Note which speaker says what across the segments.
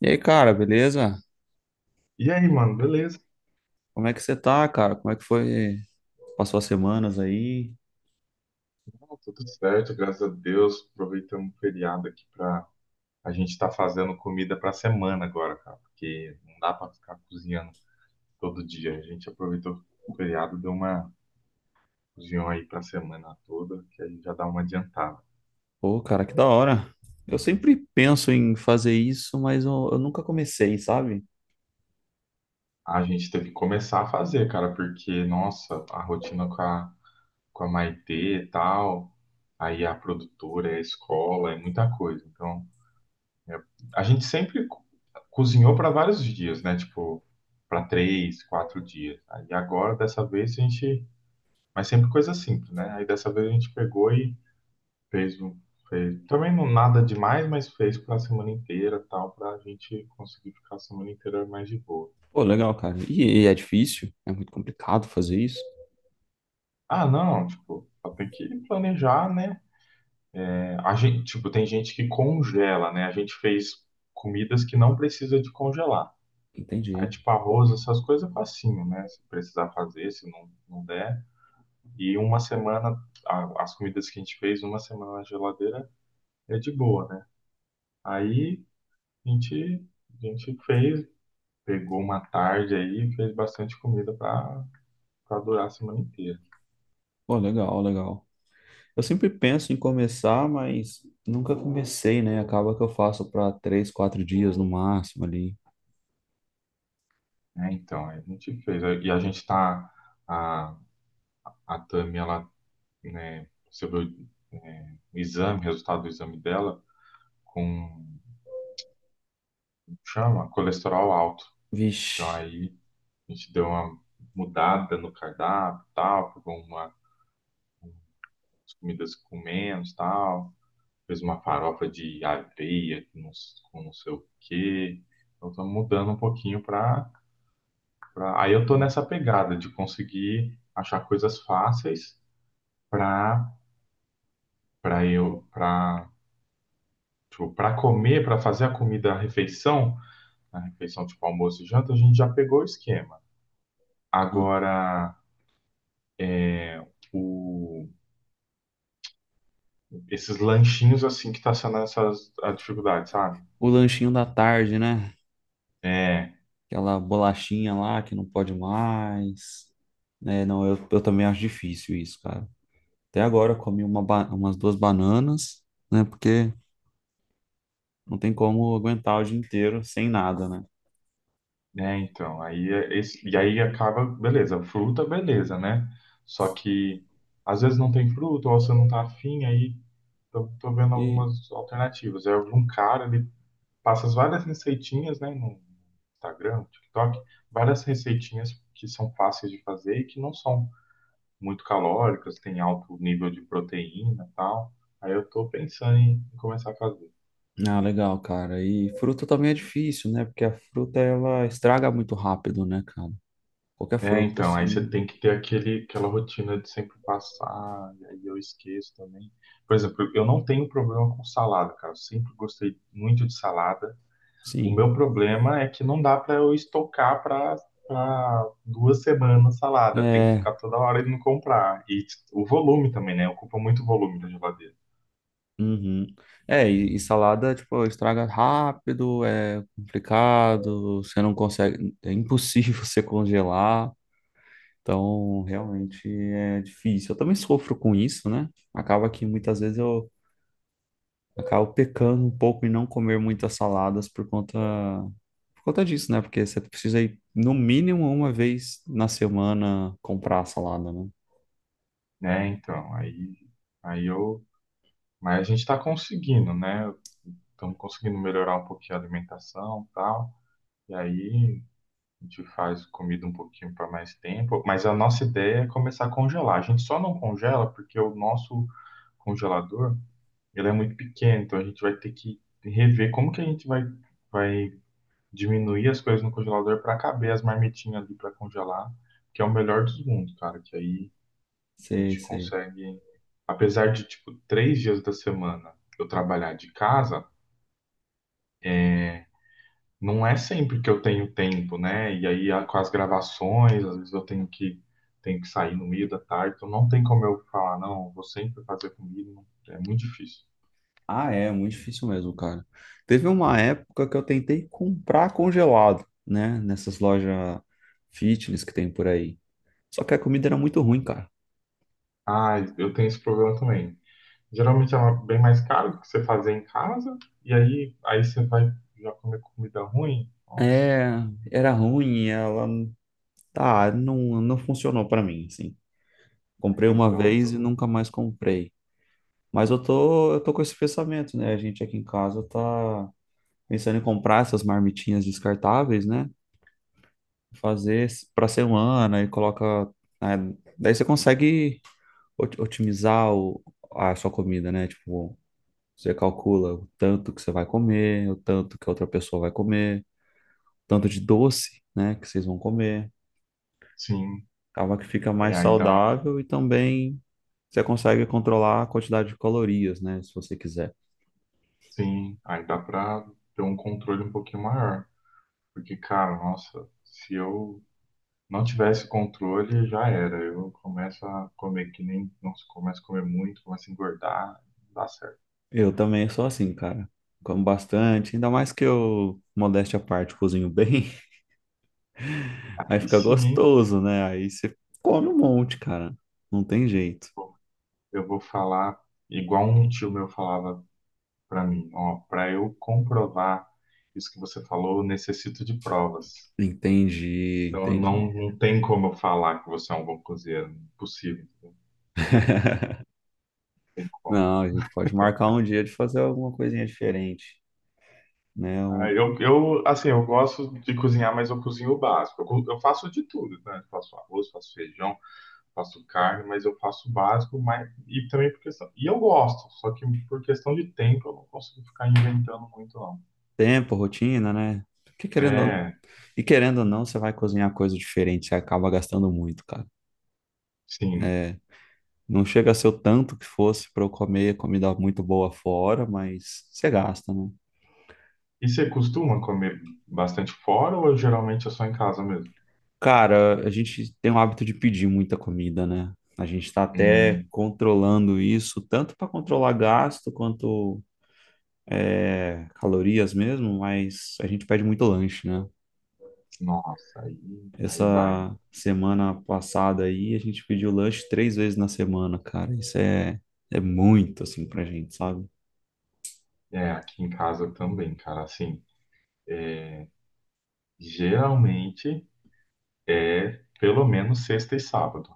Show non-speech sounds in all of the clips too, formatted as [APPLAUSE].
Speaker 1: E aí, cara, beleza?
Speaker 2: E aí, mano, beleza?
Speaker 1: Como é que você tá, cara? Como é que foi? Passou as semanas aí?
Speaker 2: Não, tá tudo certo, graças a Deus. Aproveitamos o feriado aqui pra. A gente tá fazendo comida pra semana agora, cara, porque não dá pra ficar cozinhando todo dia. A gente aproveitou o feriado, deu uma cozinhão aí pra semana toda, que aí já dá uma adiantada.
Speaker 1: Pô, cara, que da hora. Eu sempre penso em fazer isso, mas eu nunca comecei, sabe?
Speaker 2: A gente teve que começar a fazer, cara, porque, nossa, a rotina com a Maitê e tal, aí a produtora, a escola, é muita coisa. Então, a gente sempre cozinhou para vários dias, né? Tipo, para 3, 4 dias. Aí agora, dessa vez, a gente. Mas sempre coisa simples, né? Aí dessa vez a gente pegou e fez um. Também não nada demais, mas fez para a semana inteira, tal, para a gente conseguir ficar a semana inteira mais de boa.
Speaker 1: Pô, legal, cara. E é difícil? É muito complicado fazer isso?
Speaker 2: Ah, não, tipo, só tem que planejar, né? É, a gente, tipo, tem gente que congela, né? A gente fez comidas que não precisa de congelar. Aí,
Speaker 1: Entendi.
Speaker 2: tipo, arroz, essas coisas é facinho, né? Se precisar fazer, se não, não der. E uma semana, as comidas que a gente fez, uma semana na geladeira é de boa, né? Aí a gente, a gente fez, pegou uma tarde aí, fez bastante comida para durar a semana inteira.
Speaker 1: Pô, legal, legal. Eu sempre penso em começar, mas nunca comecei, né? Acaba que eu faço pra três, quatro dias no máximo ali.
Speaker 2: Né? Então, aí a gente fez. E a gente tá, a, a Tami, ela, né, recebeu o exame, resultado do exame dela com, chama, colesterol alto. Então,
Speaker 1: Vixe.
Speaker 2: aí a gente deu uma mudada no cardápio, e tal, pegou uma, as comidas com menos, tal, fez uma farofa de aveia com não sei o quê. Então, estamos mudando um pouquinho. Aí eu tô
Speaker 1: Ah,
Speaker 2: nessa pegada de conseguir achar coisas fáceis para para tipo, para comer, para fazer a comida, a refeição tipo almoço e janta, a gente já pegou o esquema.
Speaker 1: ah.
Speaker 2: Agora é, o esses lanchinhos assim que tá sendo a dificuldade, sabe?
Speaker 1: O lanchinho da tarde, né?
Speaker 2: É,
Speaker 1: Aquela bolachinha lá que não pode mais. Né não, eu também acho difícil isso, cara. Até agora eu comi umas duas bananas, né? Porque não tem como aguentar o dia inteiro sem nada, né?
Speaker 2: né, então, aí é esse, e aí acaba, beleza, fruta, beleza, né? Só que às vezes não tem fruta, ou você não tá afim, aí tô vendo
Speaker 1: E,
Speaker 2: algumas alternativas. Aí algum cara, ele passa as várias receitinhas, né, no Instagram, no TikTok, várias receitinhas que são fáceis de fazer e que não são muito calóricas, tem alto nível de proteína e tal. Aí eu tô pensando em começar a fazer.
Speaker 1: ah, legal, cara. E fruta também é difícil, né? Porque a fruta, ela estraga muito rápido, né, cara? Qualquer
Speaker 2: É,
Speaker 1: fruta,
Speaker 2: então, aí você
Speaker 1: assim,
Speaker 2: tem que ter aquele, aquela rotina de sempre passar, e aí eu esqueço também. Por exemplo, eu não tenho problema com salada, cara. Eu sempre gostei muito de salada. O
Speaker 1: sim.
Speaker 2: meu problema é que não dá pra eu estocar pra 2 semanas salada. Tem que
Speaker 1: É,
Speaker 2: ficar toda hora indo comprar. O volume também, né? Ocupa muito volume da geladeira.
Speaker 1: uhum. É, e salada, tipo, estraga rápido, é complicado, você não consegue, é impossível [LAUGHS] você congelar, então realmente é difícil. Eu também sofro com isso, né? Acaba que muitas vezes eu acabo pecando um pouco em não comer muitas saladas por conta disso, né? Porque você precisa ir no mínimo uma vez na semana comprar a salada, né?
Speaker 2: Né, então, aí, aí eu. Mas a gente está conseguindo, né? Estamos conseguindo melhorar um pouquinho a alimentação e tal. E aí. A gente faz comida um pouquinho para mais tempo, mas a nossa ideia é começar a congelar. A gente só não congela porque o nosso congelador, ele é muito pequeno, então a gente vai ter que rever como que a gente vai diminuir as coisas no congelador para caber as marmitinhas ali para congelar, que é o melhor dos mundos, cara, que aí a
Speaker 1: Sei,
Speaker 2: gente
Speaker 1: sei.
Speaker 2: consegue, apesar de tipo 3 dias da semana eu trabalhar de casa, não é sempre que eu tenho tempo, né? E aí com as gravações, às vezes eu tenho que sair no meio da tarde, então não tem como eu falar, não, vou sempre fazer comida, é muito difícil.
Speaker 1: Ah, é muito difícil mesmo, cara. Teve uma época que eu tentei comprar congelado, né? Nessas lojas fitness que tem por aí. Só que a comida era muito ruim, cara.
Speaker 2: Ah, eu tenho esse problema também. Geralmente é bem mais caro do que você fazer em casa, e aí você vai já comer comida ruim. Nossa,
Speaker 1: É, era ruim, ela tá, não, não funcionou pra mim, assim. Comprei uma
Speaker 2: então,
Speaker 1: vez e
Speaker 2: tô-
Speaker 1: nunca mais comprei. Mas eu tô com esse pensamento, né? A gente aqui em casa tá pensando em comprar essas marmitinhas descartáveis, né? Fazer pra semana e coloca, né? Daí você consegue otimizar a sua comida, né? Tipo, você calcula o tanto que você vai comer, o tanto que a outra pessoa vai comer, tanto de doce, né, que vocês vão comer.
Speaker 2: Sim,
Speaker 1: Acaba que fica
Speaker 2: é
Speaker 1: mais
Speaker 2: aí dá,
Speaker 1: saudável e também você consegue controlar a quantidade de calorias, né, se você quiser.
Speaker 2: sim, aí dá pra ter um controle um pouquinho maior, porque cara, nossa, se eu não tivesse controle, já era. Eu começo a comer que nem. Nossa, começo a comer muito, começo a engordar, não dá certo.
Speaker 1: Eu também sou assim, cara. Como bastante, ainda mais que eu, modéstia à parte, cozinho bem, [LAUGHS] aí
Speaker 2: Aí
Speaker 1: fica
Speaker 2: sim, hein,
Speaker 1: gostoso, né? Aí você come um monte, cara. Não tem jeito.
Speaker 2: eu vou falar igual um tio meu falava pra mim: ó, pra eu comprovar isso que você falou, eu necessito de provas.
Speaker 1: Entendi,
Speaker 2: Então
Speaker 1: entendi.
Speaker 2: não, não tem como eu falar que você é um bom cozinheiro, impossível, não
Speaker 1: [LAUGHS]
Speaker 2: tem como.
Speaker 1: Não, a gente pode marcar um dia de fazer alguma coisinha diferente, né?
Speaker 2: Ah,
Speaker 1: O
Speaker 2: assim, eu gosto de cozinhar, mas eu cozinho o básico. Eu faço de tudo, né? Eu faço arroz, faço feijão. Faço carne, mas eu faço o básico, mas e também por questão. E eu gosto, só que por questão de tempo eu não consigo ficar inventando muito, não.
Speaker 1: tempo, rotina, né? Porque
Speaker 2: É,
Speaker 1: e querendo ou não, você vai cozinhar coisa diferente, você acaba gastando muito, cara.
Speaker 2: sim.
Speaker 1: É, não chega a ser o tanto que fosse para eu comer comida muito boa fora, mas você gasta, né?
Speaker 2: E você costuma comer bastante fora ou geralmente é só em casa mesmo?
Speaker 1: Cara, a gente tem o hábito de pedir muita comida, né? A gente está até
Speaker 2: Hum,
Speaker 1: controlando isso, tanto para controlar gasto quanto calorias mesmo, mas a gente pede muito lanche, né?
Speaker 2: nossa, aí vai, né?
Speaker 1: Essa semana passada aí, a gente pediu lanche três vezes na semana, cara. Isso é muito, assim, pra gente, sabe?
Speaker 2: É, aqui em casa também, cara, assim, é, geralmente é pelo menos sexta e sábado.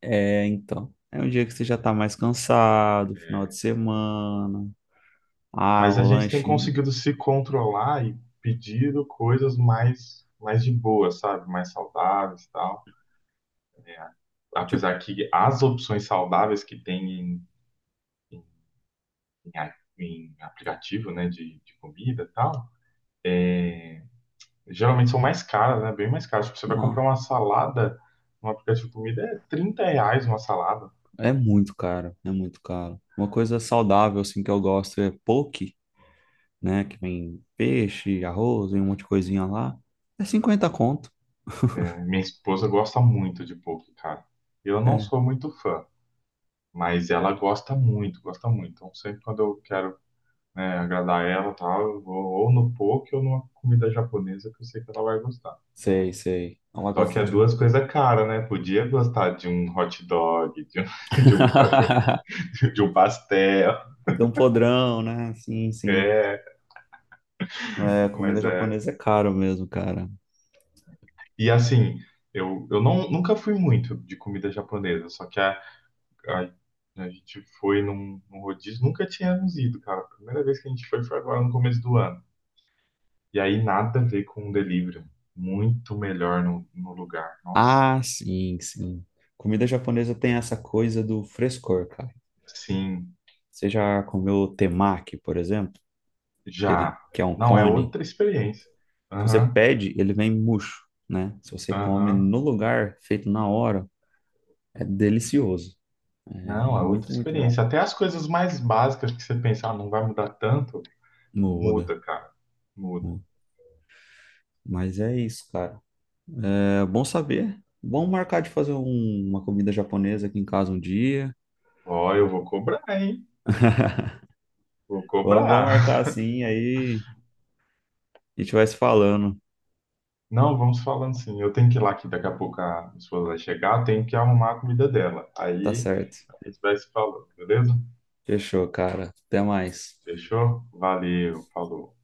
Speaker 1: É, então. É um dia que você já tá mais cansado, final de
Speaker 2: É,
Speaker 1: semana. Ah,
Speaker 2: Mas a
Speaker 1: o
Speaker 2: gente tem
Speaker 1: lanchinho.
Speaker 2: conseguido se controlar e pedido coisas mais de boa, sabe? Mais saudáveis e tal. É,
Speaker 1: Tipo,
Speaker 2: apesar que as opções saudáveis que tem em, em aplicativo, né, de comida e tal, é, geralmente são mais caras, né? Bem mais caras. Tipo, você vai
Speaker 1: não,
Speaker 2: comprar uma salada no aplicativo de comida, é 30 reais uma salada.
Speaker 1: é muito caro, é muito caro. Uma coisa saudável, assim, que eu gosto é poke, né? Que vem peixe, arroz, vem um monte de coisinha lá. É 50 conto.
Speaker 2: É, minha esposa gosta muito de poke, cara. Eu não
Speaker 1: É,
Speaker 2: sou muito fã, mas ela gosta muito, gosta muito. Então, sempre quando eu quero né, agradar ela e tal, eu vou ou no poke ou numa comida japonesa que eu sei que ela vai gostar.
Speaker 1: sei, sei. Ela
Speaker 2: Só que
Speaker 1: gosta
Speaker 2: é
Speaker 1: de.
Speaker 2: duas coisas caras, né? Podia gostar de um hot dog, de um, [LAUGHS] de um cachorro,
Speaker 1: [LAUGHS]
Speaker 2: [LAUGHS] de um pastel,
Speaker 1: Dá um podrão, né? Sim, sim.
Speaker 2: é,
Speaker 1: É, comida
Speaker 2: mas é.
Speaker 1: japonesa é caro mesmo, cara.
Speaker 2: E assim, eu não, nunca fui muito de comida japonesa, só que a, a gente foi num rodízio, nunca tínhamos ido, cara. A primeira vez que a gente foi agora no começo do ano. E aí nada a ver com o delivery. Muito melhor no lugar. Nossa.
Speaker 1: Ah, sim, sim. Comida japonesa tem essa coisa do frescor, cara.
Speaker 2: Sim,
Speaker 1: Você já comeu temaki, por exemplo? Ele
Speaker 2: Já.
Speaker 1: que é um
Speaker 2: Não, é
Speaker 1: cone.
Speaker 2: outra experiência.
Speaker 1: Se você
Speaker 2: Aham,
Speaker 1: pede, ele vem murcho, né? Se você come
Speaker 2: aham.
Speaker 1: no lugar, feito na hora, é delicioso. É
Speaker 2: Não, é outra
Speaker 1: muito, muito bom.
Speaker 2: experiência. Até as coisas mais básicas que você pensa, ah, não vai mudar tanto,
Speaker 1: Muda.
Speaker 2: muda, cara. Muda.
Speaker 1: Muda. Mas é isso, cara. É bom saber. Bom marcar de fazer uma comida japonesa aqui em casa um dia.
Speaker 2: Ó, eu vou cobrar, hein?
Speaker 1: [LAUGHS]
Speaker 2: Vou
Speaker 1: Vamos, vamos
Speaker 2: cobrar.
Speaker 1: marcar
Speaker 2: [LAUGHS]
Speaker 1: assim, aí a gente vai se falando.
Speaker 2: Não, vamos falando assim. Eu tenho que ir lá que daqui a pouco a minha esposa vai chegar, eu tenho que arrumar a comida dela.
Speaker 1: Tá
Speaker 2: Aí
Speaker 1: certo.
Speaker 2: a gente vai se falando, beleza?
Speaker 1: Fechou, cara. Até mais.
Speaker 2: Fechou? Valeu, falou.